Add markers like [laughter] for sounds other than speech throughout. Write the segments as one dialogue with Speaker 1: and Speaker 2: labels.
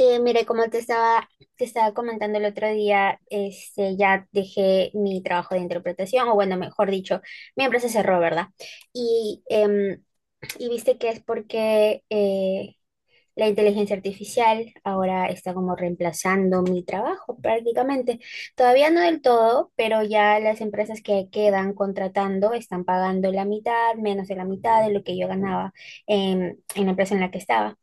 Speaker 1: Mire, te estaba comentando el otro día, ya dejé mi trabajo de interpretación, o bueno, mejor dicho, mi empresa cerró, ¿verdad? Y, em, y viste que es porque la inteligencia artificial ahora está como reemplazando mi trabajo prácticamente. Todavía no del todo, pero ya las empresas que quedan contratando están pagando la mitad, menos de la mitad de lo que yo ganaba en la empresa en la que estaba,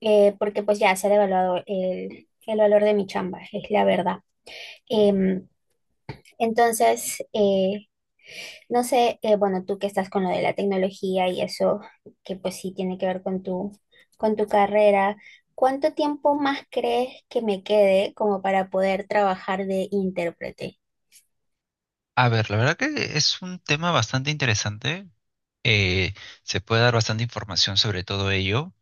Speaker 1: porque pues ya se ha devaluado el valor de mi chamba, es la verdad. Em, entonces, no sé, bueno, tú que estás con lo de la tecnología y eso, que pues sí tiene que ver con tu carrera, ¿cuánto tiempo más crees que me quede como para poder trabajar de intérprete?
Speaker 2: A ver, la verdad que es un tema bastante interesante. eh, Se puede dar bastante información sobre todo ello,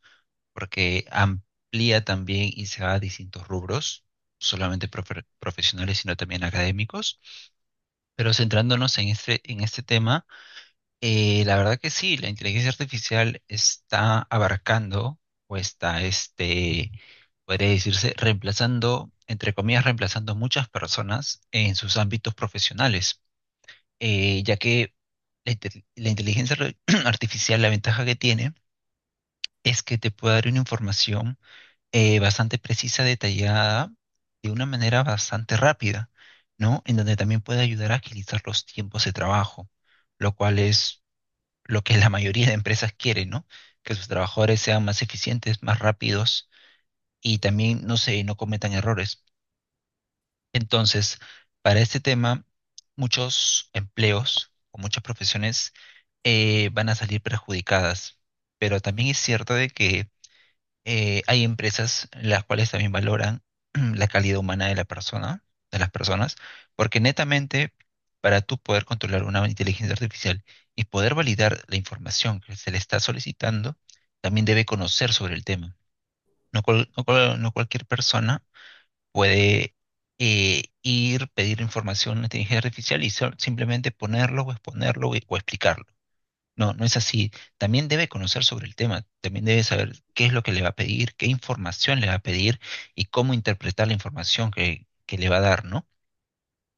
Speaker 2: porque amplía también y se va a distintos rubros, no solamente profesionales, sino también académicos. Pero centrándonos en este tema, la verdad que sí, la inteligencia artificial está abarcando o está, podría decirse, reemplazando, entre comillas, reemplazando muchas personas en sus ámbitos profesionales, ya que la inteligencia [clears throat] artificial, la ventaja que tiene es que te puede dar una información bastante precisa, detallada, de una manera bastante rápida, ¿no? En donde también puede ayudar a agilizar los tiempos de trabajo, lo cual es lo que la mayoría de empresas quieren, ¿no? Que sus trabajadores sean más eficientes, más rápidos y también, no sé, no cometan errores. Entonces, para este tema, muchos empleos o muchas profesiones, van a salir perjudicadas, pero también es cierto de que hay empresas las cuales también valoran [clears throat] la calidad humana de la persona, de las personas, porque netamente para tú poder controlar una inteligencia artificial y poder validar la información que se le está solicitando, también debe conocer sobre el tema. No, no cualquier persona puede ir, pedir información a la inteligencia artificial y simplemente ponerlo o exponerlo o explicarlo. No, no es así. También debe conocer sobre el tema, también debe saber qué es lo que le va a pedir, qué información le va a pedir y cómo interpretar la información que le va a dar, ¿no?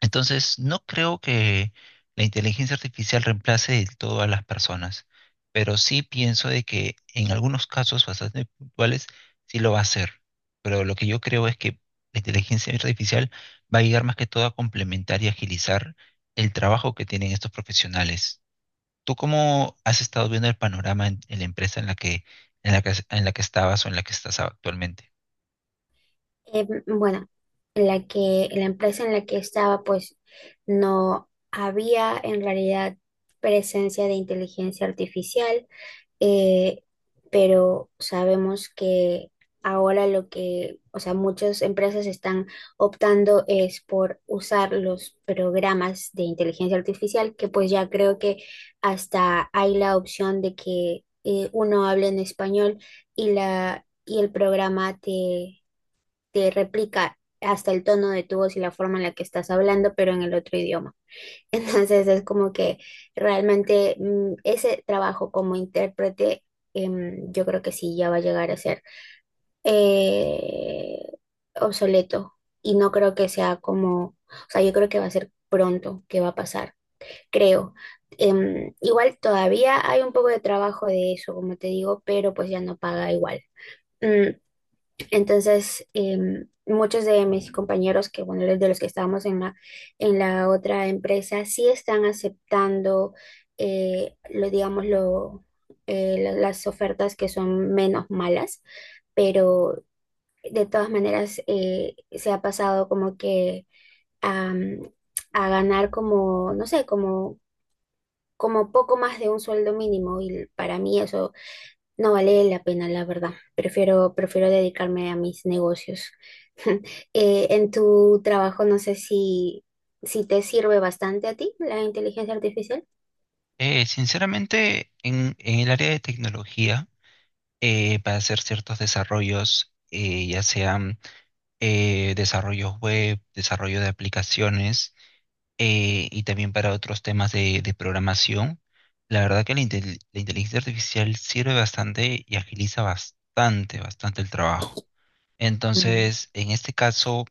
Speaker 2: Entonces, no creo que la inteligencia artificial reemplace del todo a las personas, pero sí pienso de que en algunos casos bastante puntuales sí lo va a hacer. Pero lo que yo creo es que la inteligencia artificial va a llegar más que todo a complementar y agilizar el trabajo que tienen estos profesionales. ¿Tú cómo has estado viendo el panorama en la empresa en la que estabas o en la que estás actualmente?
Speaker 1: Bueno, la empresa en la que estaba, pues no había en realidad presencia de inteligencia artificial. eh, pero sabemos que ahora o sea, muchas empresas están optando es por usar los programas de inteligencia artificial, que pues ya creo que hasta hay la opción de que uno hable en español y el programa te replica hasta el tono de tu voz y la forma en la que estás hablando, pero en el otro idioma. [laughs] Entonces es como que realmente ese trabajo como intérprete, yo creo que sí, ya va a llegar a ser eh, obsoleto y no creo que sea como, o sea, yo creo que va a ser pronto que va a pasar, creo. Igual todavía hay un poco de trabajo de eso, como te digo, pero pues ya no paga igual. Mm, entonces, muchos de mis compañeros que, bueno, de los que estábamos en en la otra empresa, sí están aceptando, lo, digamos, lo, la- las ofertas que son menos malas, pero de todas maneras se ha pasado como que am, a ganar como, no sé, como, como poco más de un sueldo mínimo y para mí eso no vale la pena, la verdad. Prefiero, prefiero dedicarme a mis negocios. [laughs] En tu trabajo, no sé si, si te sirve bastante a ti la inteligencia artificial.
Speaker 2: Sinceramente, en el área de tecnología, para hacer ciertos desarrollos, ya sean desarrollos web, desarrollo de aplicaciones, y también para otros temas de programación. La verdad que la inteligencia artificial sirve bastante y agiliza bastante, bastante el trabajo.
Speaker 1: Mm,
Speaker 2: Entonces, en este caso,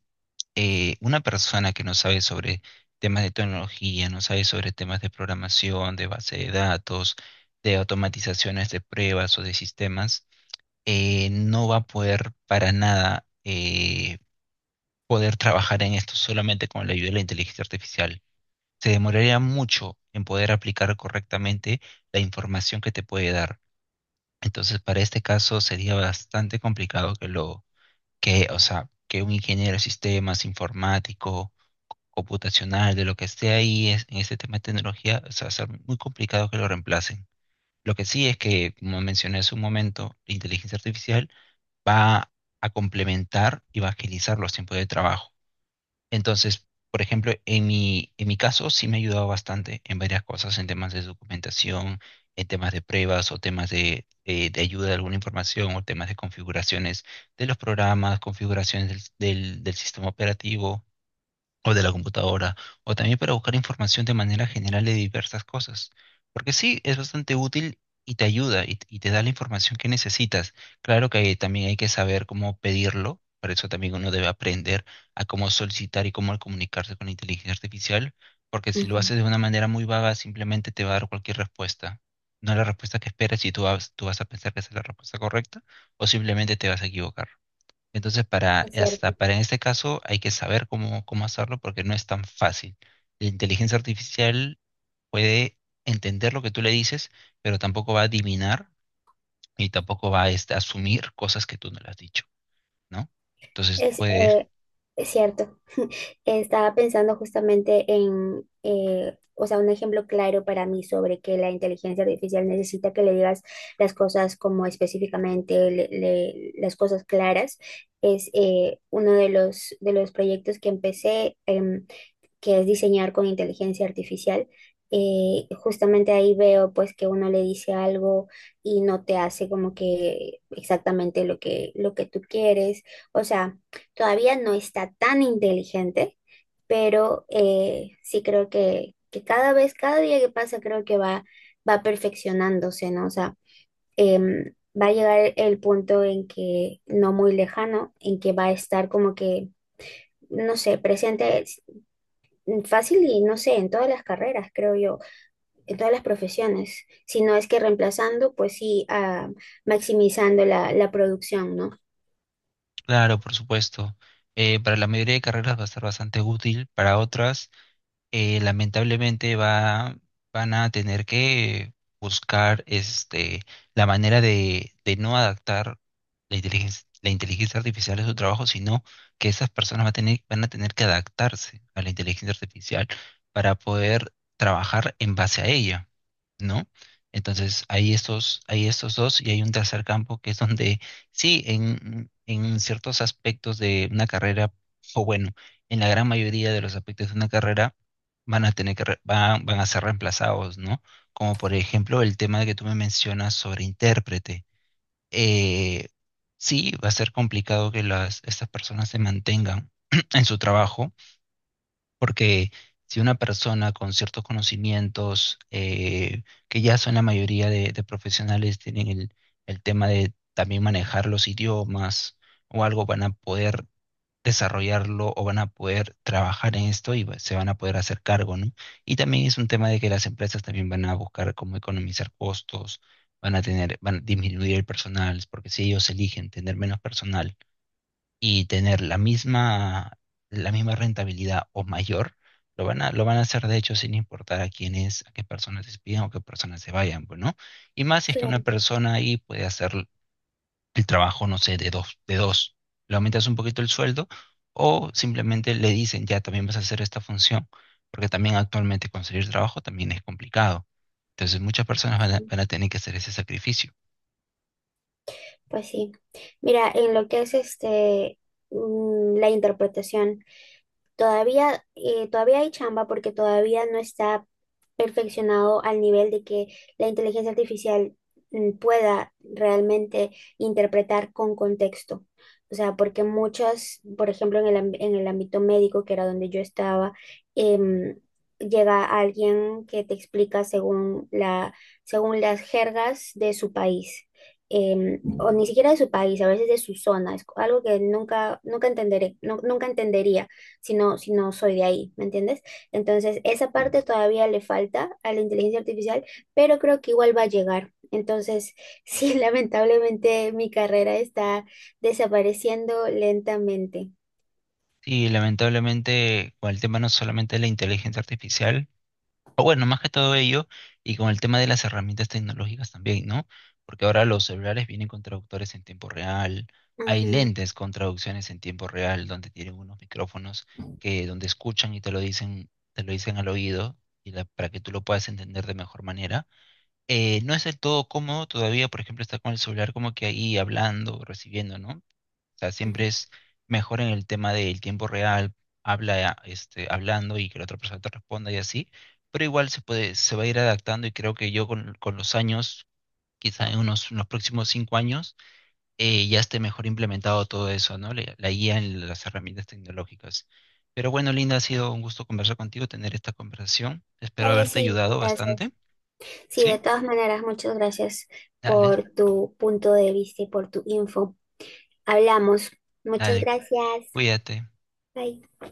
Speaker 2: una persona que no sabe sobre temas de tecnología, no sabe sobre temas de programación, de base de datos, de automatizaciones de pruebas o de sistemas, no va a poder para nada, poder trabajar en esto solamente con la ayuda de la inteligencia artificial. Se demoraría mucho en poder aplicar correctamente la información que te puede dar. Entonces, para este caso sería bastante complicado o sea, que un ingeniero de sistemas, informático, computacional, de lo que esté ahí en este tema de tecnología, o sea, va a ser muy complicado que lo reemplacen. Lo que sí es que, como mencioné hace un momento, la inteligencia artificial va a complementar y va a agilizar los tiempos de trabajo. Entonces, por ejemplo, en mi caso sí me ha ayudado bastante en varias cosas, en temas de documentación, en temas de pruebas o temas de ayuda de alguna información o temas de configuraciones de los programas, configuraciones del sistema operativo o de la computadora, o también para buscar información de manera general de diversas cosas. Porque sí, es bastante útil y te ayuda y te da la información que necesitas. Claro que también hay que saber cómo pedirlo, para eso también uno debe aprender a cómo solicitar y cómo comunicarse con la inteligencia artificial, porque si lo
Speaker 1: ujú.
Speaker 2: haces de una manera muy vaga, simplemente te va a dar cualquier respuesta. No la respuesta que esperas y tú vas a pensar que esa es la respuesta correcta, o simplemente te vas a equivocar. Entonces, para,
Speaker 1: Es
Speaker 2: hasta
Speaker 1: cierto.
Speaker 2: para en este caso hay que saber cómo, cómo hacerlo porque no es tan fácil. La inteligencia artificial puede entender lo que tú le dices, pero tampoco va a adivinar y tampoco va a asumir cosas que tú no le has dicho, ¿no? Entonces,
Speaker 1: Es,
Speaker 2: puede,
Speaker 1: eh, es cierto. Estaba pensando justamente en, o sea, un ejemplo claro para mí sobre que la inteligencia artificial necesita que le digas las cosas como específicamente, las cosas claras. Es uno de los proyectos que empecé, que es diseñar con inteligencia artificial. Justamente ahí veo pues que uno le dice algo y no te hace como que exactamente lo que tú quieres. O sea, todavía no está tan inteligente, pero sí creo que cada vez, cada día que pasa, creo que va, va perfeccionándose, ¿no? O sea, em, va a llegar el punto en que, no muy lejano, en que va a estar como que, no sé, presente es fácil y no sé, en todas las carreras, creo yo, en todas las profesiones, si no es que reemplazando, pues sí, maximizando la producción, ¿no?
Speaker 2: claro, por supuesto. Para la mayoría de carreras va a ser bastante útil, para otras, lamentablemente van a tener que buscar la manera de no adaptar la inteligencia artificial a su trabajo, sino que esas personas van a tener que adaptarse a la inteligencia artificial para poder trabajar en base a ella, ¿no? Entonces, hay estos dos y hay un tercer campo que es donde sí, en ciertos aspectos de una carrera, o bueno, en la gran mayoría de los aspectos de una carrera, van a tener que re- van, van a ser reemplazados, ¿no? Como por ejemplo el tema de que tú me mencionas sobre intérprete. Eh, sí, va a ser complicado que estas personas se mantengan [clears throat] en su trabajo, porque si una persona con ciertos conocimientos, que ya son la mayoría de profesionales, tienen el tema de también manejar los idiomas o algo, van a poder desarrollarlo o van a poder trabajar en esto y se van a poder hacer cargo, ¿no? Y también es un tema de que las empresas también van a buscar cómo economizar costos, van a disminuir el personal, porque si ellos eligen tener menos personal y tener la misma rentabilidad o mayor, lo van a hacer de hecho sin importar a quiénes, a qué personas despidan o qué personas se vayan, pues, ¿no? Y más si es que una
Speaker 1: Claro,
Speaker 2: persona ahí puede hacer el trabajo, no sé, de dos. Le aumentas un poquito el sueldo o simplemente le dicen, ya también vas a hacer esta función, porque también actualmente conseguir trabajo también es complicado. Entonces muchas personas
Speaker 1: sí.
Speaker 2: van a tener que hacer ese sacrificio.
Speaker 1: Pues sí. Mira, en lo que es la interpretación. Todavía, todavía hay chamba porque todavía no está perfeccionado al nivel de que la inteligencia artificial pueda realmente interpretar con contexto. O sea, porque muchas, por ejemplo, en en el ámbito médico, que era donde yo estaba, em, llega alguien que te explica según las jergas de su país. O ni siquiera de su país, a veces de su zona, es algo que nunca, nunca entenderé, nunca entendería si no, si no soy de ahí, ¿me entiendes? Entonces, esa parte todavía le falta a la inteligencia artificial, pero creo que igual va a llegar. Entonces, [laughs] sí, lamentablemente mi carrera está desapareciendo lentamente.
Speaker 2: Y lamentablemente con el tema no solamente de la inteligencia artificial, o bueno, más que todo ello, y con el tema de las herramientas tecnológicas también, ¿no? Porque ahora los celulares vienen con traductores en tiempo real, hay lentes con traducciones en tiempo real, donde tienen unos micrófonos que donde escuchan y te lo dicen al oído, para que tú lo puedas entender de mejor manera. No es del todo cómodo todavía, por ejemplo, estar con el celular como que ahí hablando, recibiendo, ¿no? O sea,
Speaker 1: Ujú,
Speaker 2: siempre
Speaker 1: ujú.
Speaker 2: es mejor en el tema del tiempo real, hablando y que la otra persona te responda y así, pero igual se puede, se va a ir adaptando y creo que yo con los años, quizá en unos próximos 5 años, ya esté mejor implementado todo eso, ¿no? La guía en las herramientas tecnológicas. Pero bueno, Linda, ha sido un gusto conversar contigo, tener esta conversación. Espero
Speaker 1: Oye,
Speaker 2: haberte
Speaker 1: sí,
Speaker 2: ayudado
Speaker 1: gracias.
Speaker 2: bastante,
Speaker 1: Sí, de
Speaker 2: ¿sí?
Speaker 1: todas maneras, muchas gracias
Speaker 2: Dale,
Speaker 1: por tu punto de vista y por tu info. Hablamos. Muchas
Speaker 2: dale,
Speaker 1: gracias.
Speaker 2: cuídate.
Speaker 1: Bye.